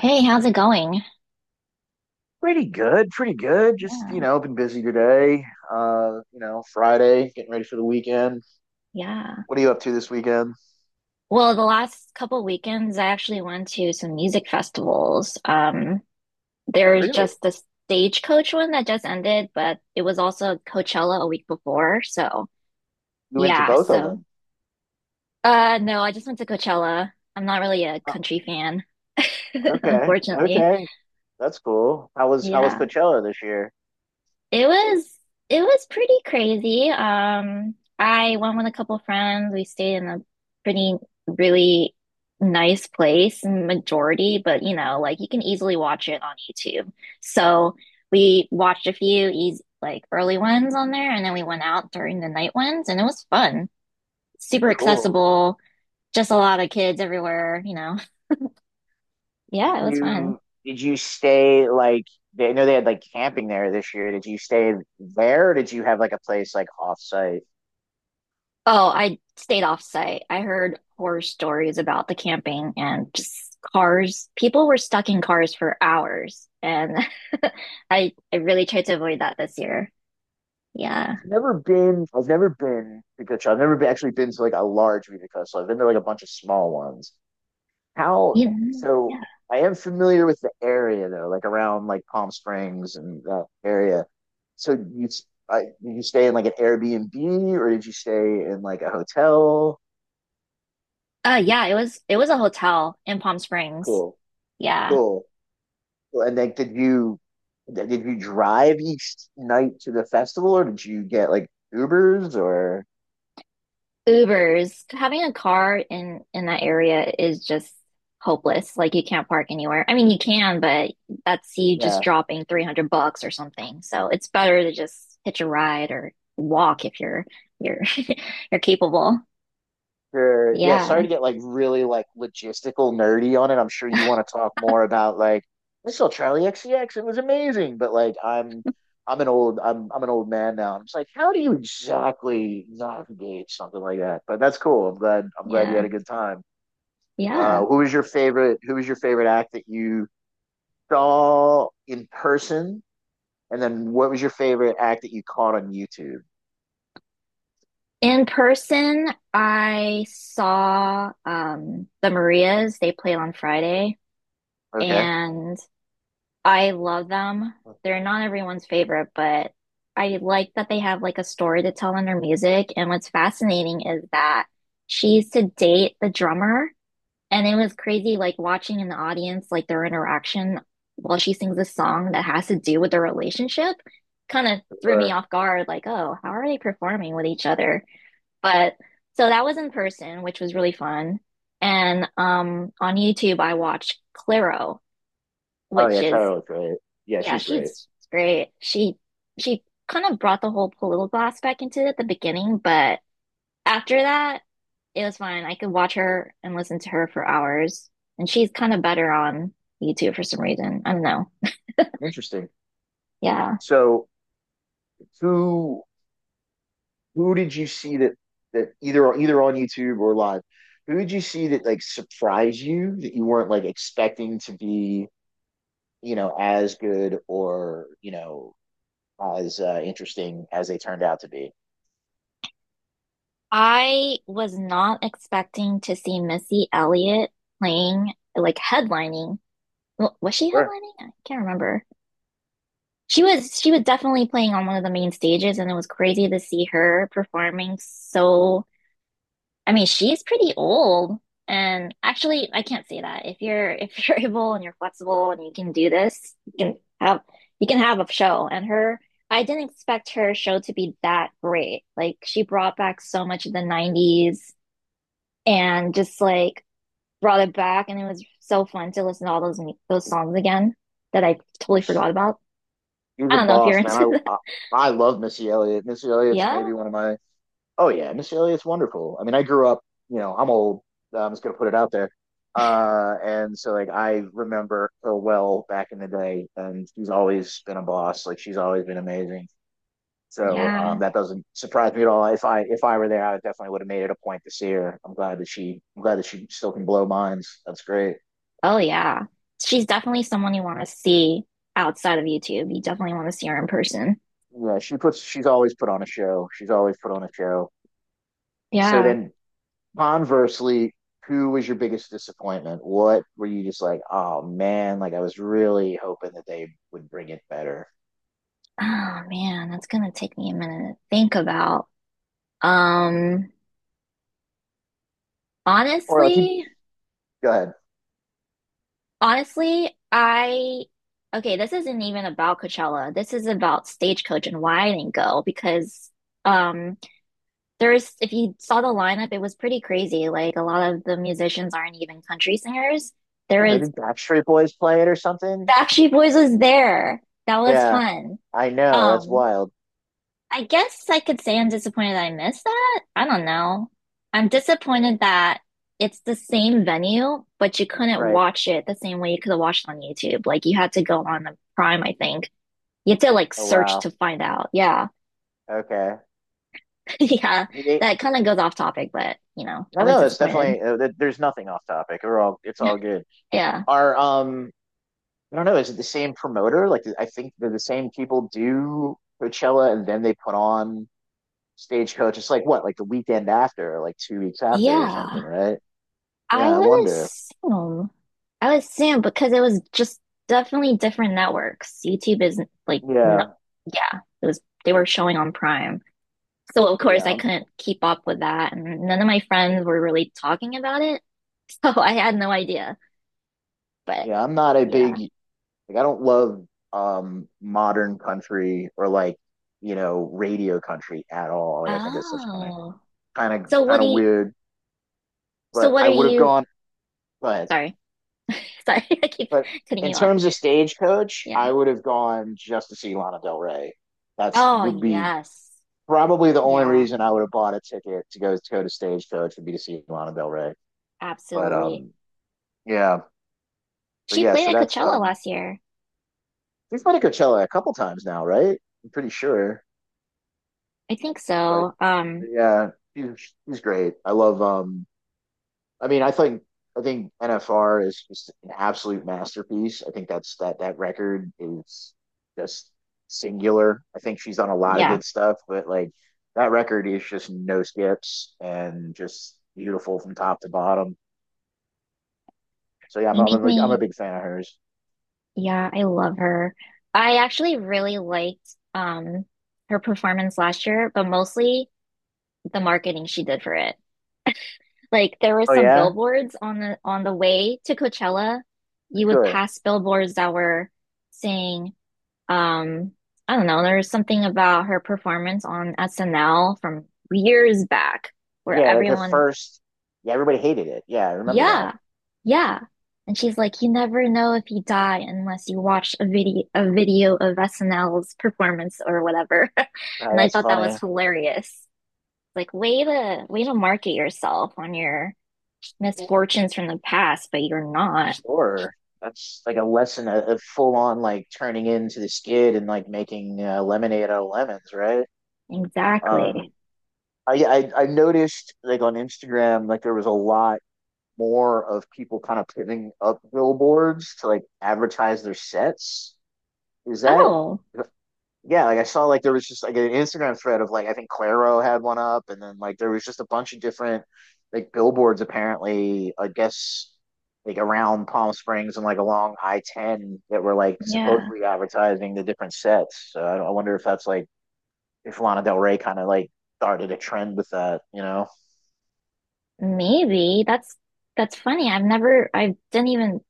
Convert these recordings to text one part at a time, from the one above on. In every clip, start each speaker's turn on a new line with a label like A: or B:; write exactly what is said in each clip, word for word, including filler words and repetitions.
A: Hey, how's it going?
B: Pretty good, pretty good. Just, you
A: Yeah,
B: know, been busy today. Uh, you know, Friday, getting ready for the weekend.
A: yeah.
B: What are you up to this weekend?
A: Well, the last couple weekends, I actually went to some music festivals. Um, there's
B: Really?
A: just the Stagecoach one that just ended, but it was also Coachella a week before. So,
B: You went to
A: yeah,
B: both of
A: so
B: them.
A: uh no, I just went to Coachella. I'm not really a
B: Oh,
A: country fan,
B: okay.
A: unfortunately.
B: Okay. That's cool. How was how was
A: Yeah.
B: Coachella this year?
A: It was it was pretty crazy. Um, I went with a couple friends. We stayed in a pretty really nice place, in majority, but you know, like you can easily watch it on YouTube. So we watched a few easy like early ones on there, and then we went out during the night ones, and it was fun. Super
B: Cool.
A: accessible, just a lot of kids everywhere, you know. Yeah,
B: Did
A: it was fun.
B: you did you stay like they I know they had like camping there this year. Did you stay there or did you have like a place like off site?
A: Oh, I stayed off site. I heard horror stories about the camping and just cars. People were stuck in cars for hours, and I I really tried to avoid that this year. Yeah.
B: I've never been I've never been to Coachella. I've never been, actually been to like a large music festival. I've been to like a bunch of small ones. How
A: Yeah.
B: so?
A: Yeah.
B: I am familiar with the area though, like around like Palm Springs and that area. So you s- I, did you stay in like an Airbnb or did you stay in like a hotel?
A: Uh, yeah, it was it was a hotel in Palm Springs.
B: Cool,
A: Yeah.
B: cool. Cool. And like, did you did you drive each night to the festival or did you get like Ubers or
A: Ubers, having a car in in that area is just hopeless. Like you can't park anywhere. I mean, you can, but that's you just
B: yeah?
A: dropping three hundred bucks or something. So it's better to just hitch a ride or walk if you're you're you're capable.
B: Sure. Yeah, sorry
A: Yeah.
B: to get like really like logistical nerdy on it. I'm sure you want to talk more about like I saw Charlie X C X. It was amazing, but like I'm I'm an old I'm I'm an old man now. I'm just like, how do you exactly navigate something like that? But that's cool. I'm glad I'm glad you
A: Yeah.
B: had a good time.
A: Yeah.
B: Uh, who was your favorite? Who was your favorite act that you saw in person? And then what was your favorite act that you caught on YouTube?
A: In person, I saw um the Marias. They played on Friday
B: Okay.
A: and I love them. They're not everyone's favorite, but I like that they have like a story to tell in their music. And what's fascinating is that she used to date the drummer, and it was crazy like watching in the audience like their interaction while she sings a song that has to do with their relationship. Kind of threw me
B: Or,
A: off guard, like, oh, how are they performing with each other? But So that was in person, which was really fun. And um on YouTube I watched Clairo,
B: oh
A: which
B: yeah,
A: is
B: Kyle's great. Yeah,
A: yeah,
B: she's great.
A: she's great. She she kind of brought the whole political aspect into it at the beginning, but after that, it was fine. I could watch her and listen to her for hours. And she's kind of better on YouTube for some reason. I don't know.
B: Interesting.
A: Yeah.
B: So who who did you see that that either either on YouTube or live? Who did you see that like surprised you that you weren't like expecting to be you know as good or you know as uh, interesting as they turned out to be?
A: I was not expecting to see Missy Elliott playing like headlining. Wa- Was she
B: Sure.
A: headlining? I can't remember. She was she was definitely playing on one of the main stages and it was crazy to see her performing so I mean, she's pretty old. And actually, I can't say that. If you're if you're able and you're flexible and you can do this, you can have you can have a show. And her, I didn't expect her show to be that great. Like she brought back so much of the nineties and just like brought it back and it was so fun to listen to all those those songs again that I totally
B: Yes.
A: forgot about.
B: He's
A: I
B: a
A: don't know if you're
B: boss, man.
A: into
B: I
A: that.
B: I, I love Missy Elliott. Missy Elliott's
A: Yeah.
B: maybe one of my oh yeah, Missy Elliott's wonderful. I mean, I grew up. You know, I'm old. I'm just gonna put it out there. Uh, and so like I remember her well back in the day, and she's always been a boss. Like she's always been amazing. So um,
A: Yeah.
B: that doesn't surprise me at all. If I if I were there, I definitely would have made it a point to see her. I'm glad that she I'm glad that she still can blow minds. That's great.
A: Oh yeah. She's definitely someone you want to see outside of YouTube. You definitely want to see her in person.
B: Yeah, she puts she's always put on a show. She's always put on a show. So
A: Yeah.
B: then conversely, who was your biggest disappointment? What were you just like, oh man, like I was really hoping that they would bring it better?
A: Oh man, that's gonna take me a minute to think about. Um,
B: Or like, you-
A: honestly,
B: go ahead.
A: honestly, I okay, this isn't even about Coachella. This is about Stagecoach and why I didn't go because um there's if you saw the lineup, it was pretty crazy. Like a lot of the musicians aren't even country singers. There
B: You know,
A: is
B: did Backstreet Boys play it or something?
A: Backstreet Boys was there. That was
B: Yeah,
A: fun.
B: I know. That's
A: Um,
B: wild.
A: I guess I could say I'm disappointed that I missed that. I don't know. I'm disappointed that it's the same venue, but you couldn't
B: Right.
A: watch it the same way you could have watched it on YouTube. Like you had to go on the Prime, I think. You had to like
B: Oh,
A: search
B: wow.
A: to find out. Yeah.
B: Okay.
A: Yeah.
B: You think-
A: That kind of goes off topic, but you know,
B: I
A: I
B: don't
A: was
B: know. It's
A: disappointed.
B: definitely, uh, there- there's nothing off topic. We're all, it's all good.
A: Yeah.
B: Are, um, I don't know. Is it the same promoter? Like, I think they're the same people do Coachella and then they put on Stagecoach. It's like what, like the weekend after, or like two weeks after, or something,
A: Yeah.
B: right?
A: I
B: Yeah, I
A: would
B: wonder.
A: assume. I would assume because it was just definitely different networks. YouTube isn't like no,
B: Yeah,
A: yeah, it was they were showing on Prime. So of course
B: yeah,
A: I
B: I'm-
A: couldn't keep up with that and none of my friends were really talking about it. So I had no idea. But
B: yeah. I'm not a big
A: yeah.
B: like. I don't love um modern country or like you know radio country at all. Like I think it's just kind of
A: Oh.
B: kind of
A: So what
B: kind
A: do
B: of
A: you
B: weird.
A: so
B: But
A: what
B: I
A: are
B: would have
A: you
B: gone. But
A: sorry. Sorry, I keep
B: but
A: cutting
B: in
A: you off.
B: terms of Stagecoach,
A: Yeah.
B: I would have gone just to see Lana Del Rey. That's
A: Oh
B: would be
A: yes.
B: probably the only
A: Yeah,
B: reason I would have bought a ticket to go to go to Stagecoach would be to see Lana Del Rey. But
A: absolutely.
B: um, yeah, but
A: She
B: yeah.
A: played
B: So
A: at
B: that's
A: Coachella
B: um,
A: last year.
B: we've been to Coachella a couple times now, right? I'm pretty sure.
A: I think
B: But,
A: so. Um,
B: but yeah, he's he's great. I love um. I mean, I think I think N F R is just an absolute masterpiece. I think that's that that record is just singular. I think she's done a lot of
A: yeah,
B: good stuff, but like that record is just no skips and just beautiful from top to bottom. So yeah, I'm
A: you
B: I'm
A: make
B: a, I'm a
A: me.
B: big fan of hers.
A: Yeah, I love her. I actually really liked um her performance last year, but mostly the marketing she did for it. Like there were
B: Oh
A: some
B: yeah,
A: billboards on the on the way to Coachella. You would
B: sure.
A: pass billboards that were saying, um, I don't know, there was something about her performance on S N L from years back where
B: Yeah, like her
A: everyone
B: first. Yeah, everybody hated it. Yeah, I remember that.
A: yeah, yeah. And she's like, you never know if you die unless you watch a video a video of S N L's performance or whatever. And
B: Oh,
A: I
B: that's
A: thought that was
B: funny.
A: hilarious. Like, way to way to market yourself on your misfortunes from the past, but you're not.
B: Or that's like a lesson of, of full on like turning into the skid and like making uh, lemonade out of lemons, right?
A: Exactly.
B: Um, I, I I noticed like on Instagram like there was a lot more of people kind of putting up billboards to like advertise their sets. Is that
A: Oh,
B: yeah, like I saw like there was just like an Instagram thread of like I think Claro had one up, and then like there was just a bunch of different like billboards apparently, I guess like around Palm Springs and like along I ten that were like
A: yeah.
B: supposedly advertising the different sets. So I, I wonder if that's like if Lana Del Rey kind of like started a trend with that, you know?
A: Maybe that's that's funny. I've never I didn't even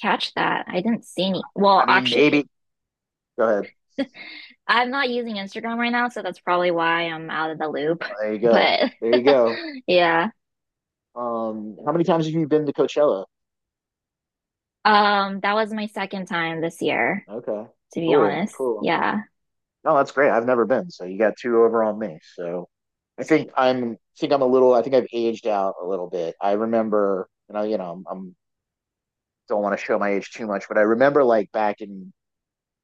A: catch that. I didn't see any. Well,
B: I mean,
A: actually,
B: maybe. Go ahead.
A: I'm not using Instagram right now, so that's probably why I'm out of the loop.
B: There you go.
A: But
B: There you go.
A: yeah,
B: Um, how many times have you been to Coachella?
A: um, that was my second time this year,
B: Okay.
A: to be
B: Cool.
A: honest.
B: Cool.
A: Yeah.
B: No, that's great. I've never been, so you got two over on me. So I think I'm I think I'm a little I think I've aged out a little bit. I remember, you know, you know, I'm, I'm don't want to show my age too much, but I remember like back in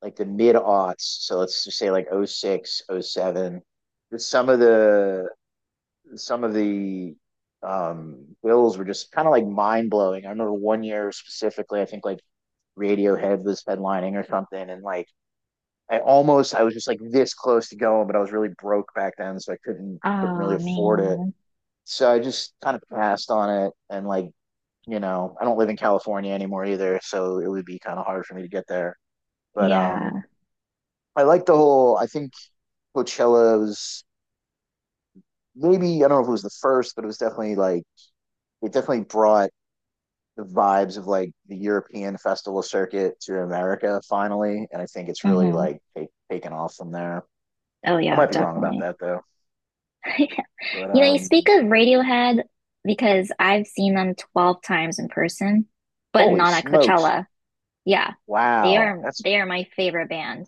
B: like the mid aughts, so let's just say like oh 06, oh 07, some of the some of the um bills were just kind of like mind blowing. I remember one year specifically, I think like Radiohead was headlining or something, and like I almost I was just like this close to going, but I was really broke back then, so I couldn't couldn't really
A: Oh
B: afford it.
A: man.
B: So I just kind of passed on it and like, you know, I don't live in California anymore either, so it would be kind of hard for me to get there. But um
A: Yeah.
B: I like the whole I think Coachella was maybe I don't know if it was the first, but it was definitely like it definitely brought the vibes of like the European festival circuit to America finally. And I think it's really
A: hmm
B: like take, taken off from there.
A: Oh
B: I
A: yeah,
B: might be wrong about
A: definitely.
B: that though. But
A: You know, you speak
B: um
A: of Radiohead because I've seen them twelve times in person, but
B: holy
A: not at
B: smokes.
A: Coachella. Yeah. They
B: Wow.
A: are
B: That's
A: they are my favorite band.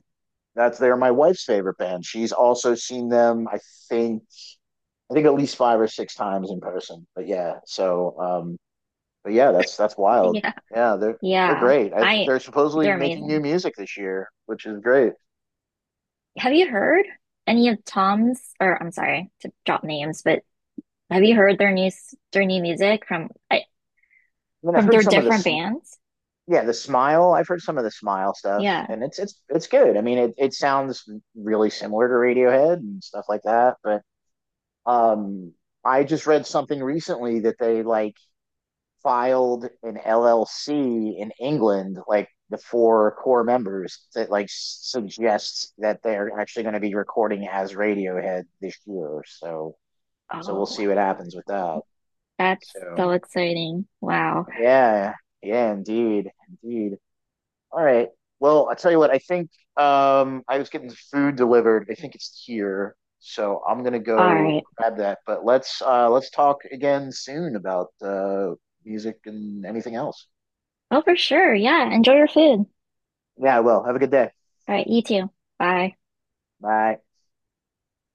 B: that's they're my wife's favorite band. She's also seen them, I think, I think at least five or six times in person. But yeah, so um but yeah, that's that's wild.
A: Yeah.
B: Yeah, they're they're
A: Yeah.
B: great. I,
A: I
B: they're supposedly
A: They're
B: making new
A: amazing.
B: music this year, which is great.
A: Have you heard any of Tom's, or I'm sorry to drop names, but have you heard their new s- their new music from I,
B: I mean, I've
A: from
B: heard
A: their
B: some of the
A: different
B: sm
A: bands?
B: yeah, the Smile. I've heard some of the Smile stuff,
A: Yeah.
B: and it's it's it's good. I mean, it it sounds really similar to Radiohead and stuff like that, but um I just read something recently that they like filed an L L C in England, like the four core members, that like suggests that they're actually going to be recording as Radiohead this year. So, so we'll
A: Oh,
B: see what
A: wow.
B: happens with that.
A: That's so
B: So,
A: exciting. Wow.
B: yeah, yeah, indeed, indeed. All right. Well, I tell you what, I think um, I was getting food delivered. I think it's here, so I'm gonna
A: All
B: go
A: right.
B: grab that. But let's uh, let's talk again soon about uh, music and anything else.
A: Oh, for sure. Yeah. Enjoy your food.
B: Yeah, I will. Have a good day.
A: All right. You too. Bye.
B: Bye.